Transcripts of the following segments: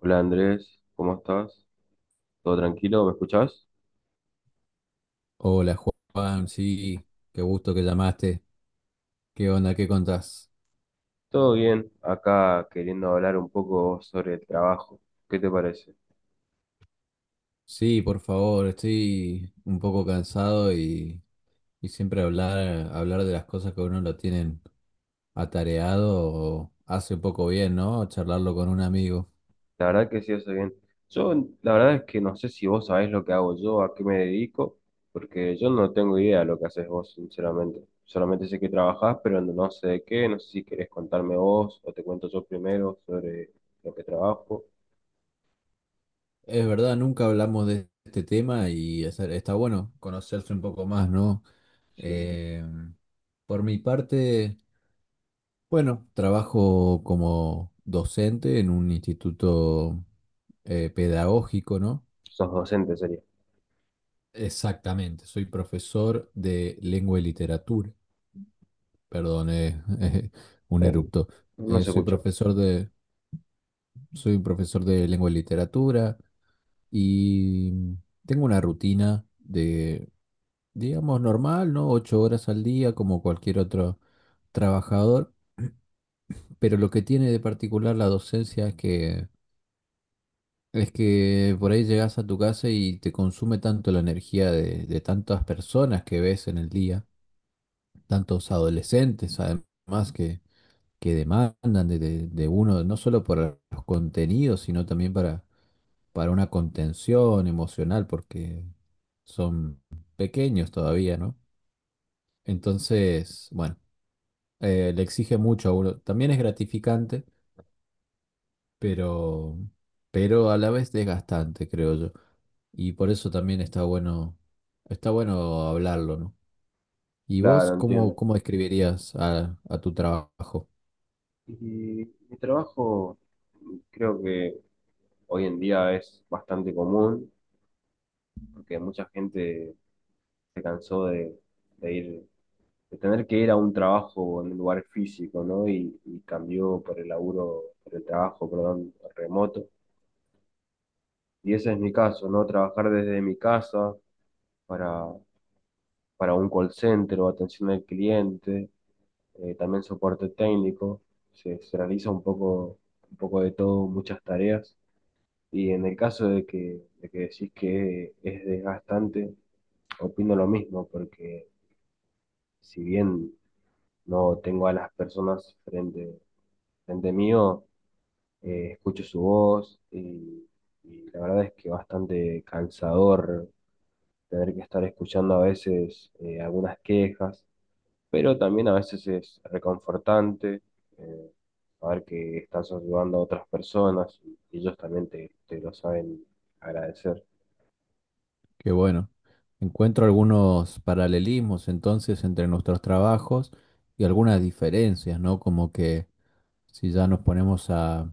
Hola Andrés, ¿cómo estás? ¿Todo tranquilo? ¿Me escuchás? Hola Juan, sí, qué gusto que llamaste. ¿Qué onda? ¿Qué contás? Todo bien, acá queriendo hablar un poco sobre el trabajo. ¿Qué te parece? Sí, por favor, estoy un poco cansado y siempre hablar de las cosas que a uno lo tienen atareado hace un poco bien, ¿no? Charlarlo con un amigo. La verdad que sí, hace bien. Yo, la verdad es que no sé si vos sabés lo que hago yo, a qué me dedico, porque yo no tengo idea de lo que haces vos, sinceramente. Solamente sé que trabajás, pero no sé de qué, no sé si querés contarme vos o te cuento yo primero sobre lo que trabajo. Es verdad, nunca hablamos de este tema y está bueno conocerse un poco más, ¿no? Si Eh, por mi parte... Bueno, trabajo como docente en un instituto pedagógico, ¿no? sos docente sería. Exactamente, soy profesor de lengua y literatura. Perdón, un Eh, erupto. no se Soy escucha. Soy profesor de lengua y literatura y tengo una rutina de, digamos, normal, ¿no? Ocho horas al día, como cualquier otro trabajador. Pero lo que tiene de particular la docencia Es que por ahí llegas a tu casa y te consume tanto la energía de tantas personas que ves en el día, tantos adolescentes además que demandan de uno, no solo por los contenidos, sino también para una contención emocional, porque son pequeños todavía, ¿no? Entonces, bueno, le exige mucho a uno. También es gratificante pero, pero a la vez desgastante, creo yo. Y por eso también está bueno hablarlo, ¿no? ¿Y vos Claro, cómo, entiendo. cómo describirías a tu trabajo? Y mi trabajo creo que hoy en día es bastante común porque mucha gente se cansó de ir, de tener que ir a un trabajo en un lugar físico, ¿no? Y cambió por el laburo, por el trabajo, perdón, remoto. Y ese es mi caso, ¿no? Trabajar desde mi casa para, para un call center o atención al cliente, también soporte técnico. Se realiza un poco de todo, muchas tareas. Y en el caso de que decís que es desgastante, opino lo mismo, porque si bien no tengo a las personas frente mío, escucho su voz y la verdad es que bastante cansador tener que estar escuchando a veces algunas quejas, pero también a veces es reconfortante eh, saber que estás ayudando a otras personas y ellos también te lo saben agradecer. Qué bueno. Encuentro algunos paralelismos entonces entre nuestros trabajos y algunas diferencias, ¿no? Como que si ya nos ponemos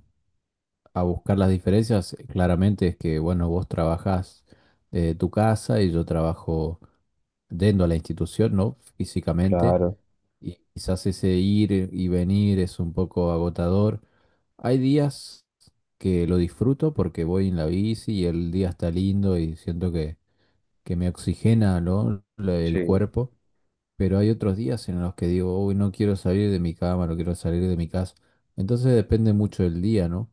a buscar las diferencias, claramente es que, bueno, vos trabajás de tu casa y yo trabajo dentro de la institución, ¿no? Físicamente, Claro. y quizás ese ir y venir es un poco agotador. Hay días que lo disfruto porque voy en la bici y el día está lindo y siento que me oxigena, ¿no? El Sí, cuerpo, pero hay otros días en los que digo, uy, no quiero salir de mi cama, no quiero salir de mi casa. Entonces depende mucho del día, ¿no?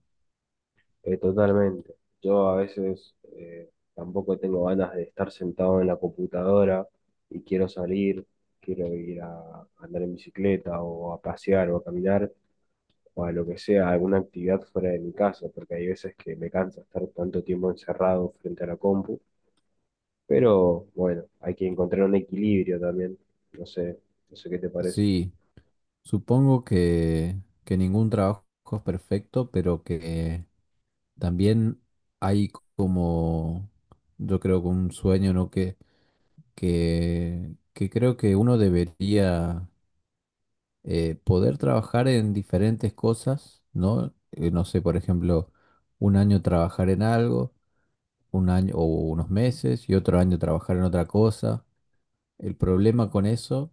totalmente. Yo a veces tampoco tengo ganas de estar sentado en la computadora y quiero salir, quiero ir a andar en bicicleta o a pasear o a caminar o a lo que sea, alguna actividad fuera de mi casa, porque hay veces que me cansa estar tanto tiempo encerrado frente a la compu, pero bueno, hay que encontrar un equilibrio también. No sé, no sé qué te parece. Sí, supongo que ningún trabajo es perfecto, pero que también hay como, yo creo que un sueño, ¿no? Que creo que uno debería poder trabajar en diferentes cosas, ¿no? No sé, por ejemplo, un año trabajar en algo, un año o unos meses y otro año trabajar en otra cosa. El problema con eso,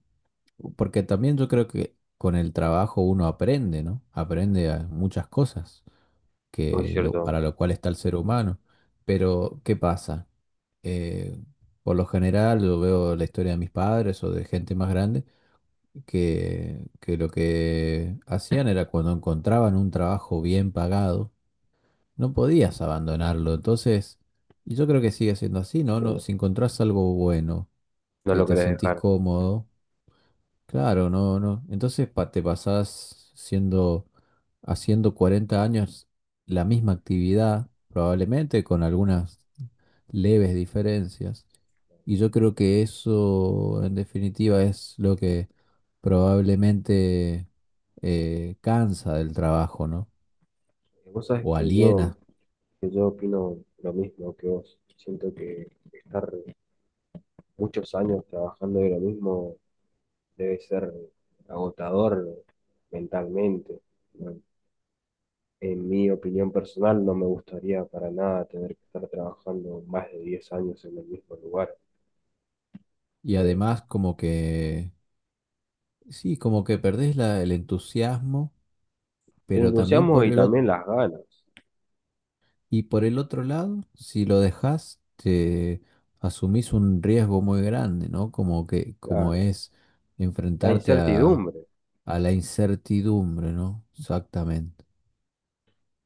porque también yo creo que con el trabajo uno aprende, ¿no? Aprende a muchas cosas. Muy cierto, Para lo cual está el ser humano. Pero, ¿qué pasa? Eh, por lo general, yo veo la historia de mis padres o de gente más grande, que lo que hacían era cuando encontraban un trabajo bien pagado, no podías abandonarlo. Entonces, y yo creo que sigue siendo así, ¿no? sí, No, si encontrás algo bueno, no que lo te querés sentís dejar. cómodo, claro, no, no. Entonces te pasás siendo, haciendo 40 años la misma actividad, probablemente con algunas leves diferencias. Y yo creo que eso, en definitiva, es lo que probablemente cansa del trabajo, ¿no? Vos sabés O aliena. que yo opino lo mismo que vos. Siento que estar muchos años trabajando de lo mismo debe ser agotador mentalmente. ¿No? En mi opinión personal, no me gustaría para nada tener que estar trabajando más de 10 años en el mismo lugar. Y Eh, además como que, sí, como que perdés el entusiasmo, el pero también entusiasmo y también las ganas, y por el otro lado, si lo dejas, te asumís un riesgo muy grande, ¿no? Como como claro, es la enfrentarte incertidumbre, a la incertidumbre, ¿no? Exactamente.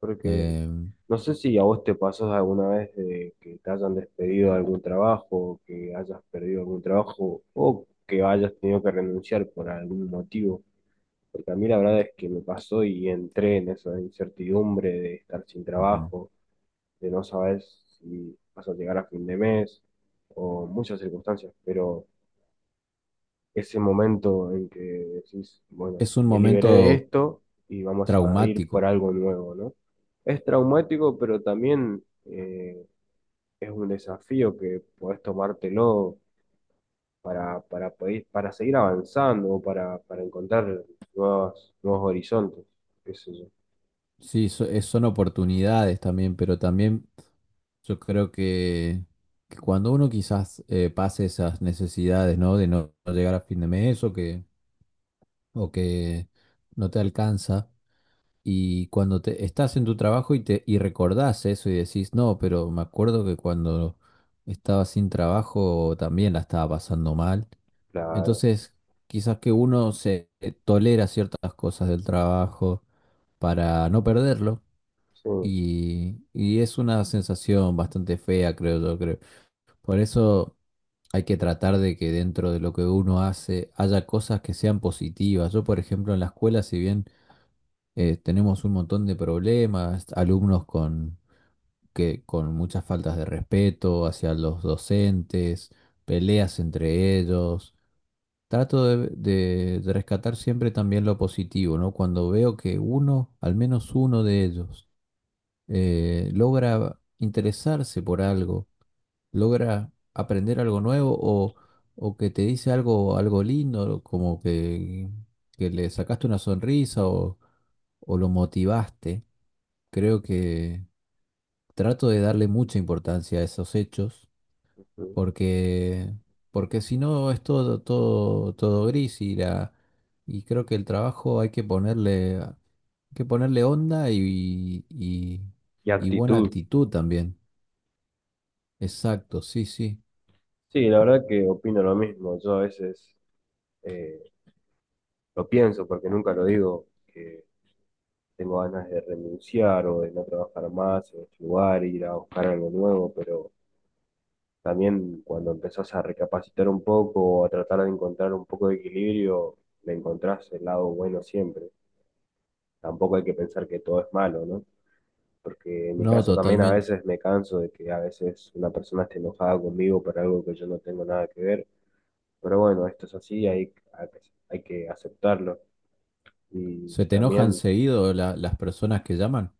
porque Eh, no sé si a vos te pasó alguna vez de que te hayan despedido de algún trabajo, que hayas perdido algún trabajo o que hayas tenido que renunciar por algún motivo. Porque a mí la verdad es que me pasó y entré en esa incertidumbre de estar sin Ujú. trabajo, de no saber si vas a llegar a fin de mes o muchas circunstancias. Pero ese momento en que decís, bueno, Es un me liberé de momento esto y vamos a ir por traumático. algo nuevo, ¿no? Es traumático, pero también es un desafío que podés tomártelo para seguir avanzando o para encontrar nuevos, nuevos horizontes. Qué sé yo. Sí, son oportunidades también, pero también yo creo que cuando uno quizás pase esas necesidades, ¿no? De no no llegar a fin de mes o que no te alcanza. Y cuando estás en tu trabajo y y recordás eso y decís, no, pero me acuerdo que cuando estaba sin trabajo también la estaba pasando mal. Claro, Entonces, quizás que uno se tolera ciertas cosas del trabajo para no perderlo. sí. Y es una sensación bastante fea, creo yo, creo. Por eso hay que tratar de que dentro de lo que uno hace haya cosas que sean positivas. Yo, por ejemplo, en la escuela, si bien tenemos un montón de problemas, alumnos con muchas faltas de respeto hacia los docentes, peleas entre ellos. Trato de rescatar siempre también lo positivo, ¿no? Cuando veo que uno, al menos uno de ellos, logra interesarse por algo, logra aprender algo nuevo o que te dice algo, algo lindo, como que le sacaste una sonrisa o lo motivaste. Creo que trato de darle mucha importancia a esos hechos Sí. porque, porque si no es todo gris y creo que el trabajo hay que ponerle onda Y y buena actitud. actitud también. Exacto, sí, sí. Sí, la verdad que opino lo mismo. Yo a veces eh, lo pienso porque nunca lo digo que tengo ganas de renunciar o de no trabajar más en este lugar, ir a buscar algo nuevo, pero también cuando empezás a recapacitar un poco o a tratar de encontrar un poco de equilibrio, le encontrás el lado bueno siempre. Tampoco hay que pensar que todo es malo, ¿no? Porque en mi No, caso también a totalmente. veces me canso de que a veces una persona esté enojada conmigo por algo que yo no tengo nada que ver. Pero bueno, esto es así, hay que aceptarlo. Y ¿Se te enojan también, seguido las personas que llaman?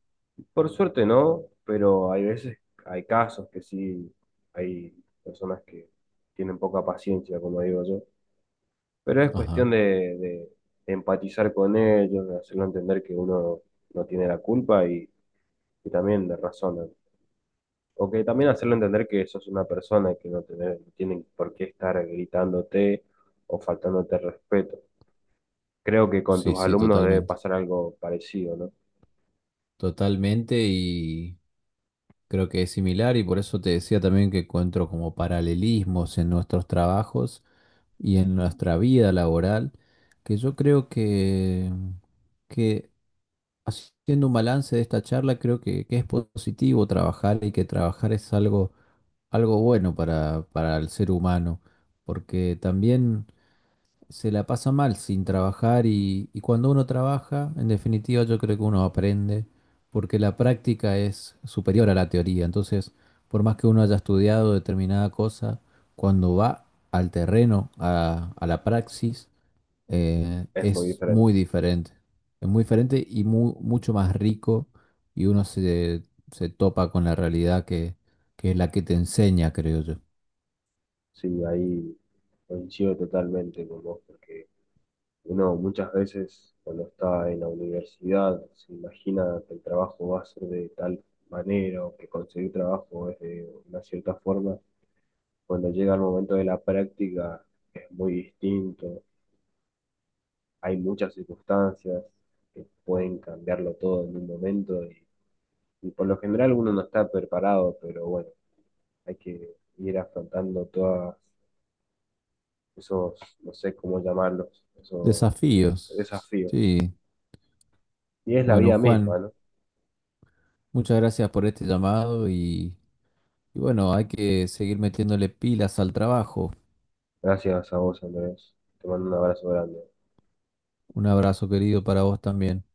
por suerte no, pero hay veces, hay casos que sí, hay personas que tienen poca paciencia, como digo yo. Pero es Ajá. cuestión de empatizar con ellos, de hacerlo entender que uno no tiene la culpa y también de razón. O que también hacerlo entender que sos una persona y que no, no tienen por qué estar gritándote o faltándote respeto. Creo que con Sí, tus sí, alumnos debe totalmente. pasar algo parecido, ¿no? Totalmente. Creo que es similar y por eso te decía también que encuentro como paralelismos en nuestros trabajos y en nuestra vida laboral, que yo creo que haciendo un balance de esta charla, creo que es positivo trabajar y que trabajar es algo, algo bueno para el ser humano, porque también se la pasa mal sin trabajar y cuando uno trabaja, en definitiva yo creo que uno aprende porque la práctica es superior a la teoría. Entonces, por más que uno haya estudiado determinada cosa, cuando va al terreno, a la praxis, Es muy es diferente. muy diferente. Es muy diferente y mucho más rico y uno se, se topa con la realidad que es la que te enseña, creo yo. Sí, ahí coincido totalmente con vos, porque uno muchas veces cuando está en la universidad se imagina que el trabajo va a ser de tal manera o que conseguir trabajo es de una cierta forma. Cuando llega el momento de la práctica es muy distinto. Hay muchas circunstancias que pueden cambiarlo todo en un momento y por lo general uno no está preparado, pero bueno, hay que ir afrontando todos esos, no sé cómo llamarlos, esos Desafíos, desafíos. sí. Y es la Bueno, vida misma, Juan, ¿no? muchas gracias por este llamado y bueno, hay que seguir metiéndole pilas al trabajo. Gracias a vos, Andrés. Te mando un abrazo grande. Un abrazo querido para vos también.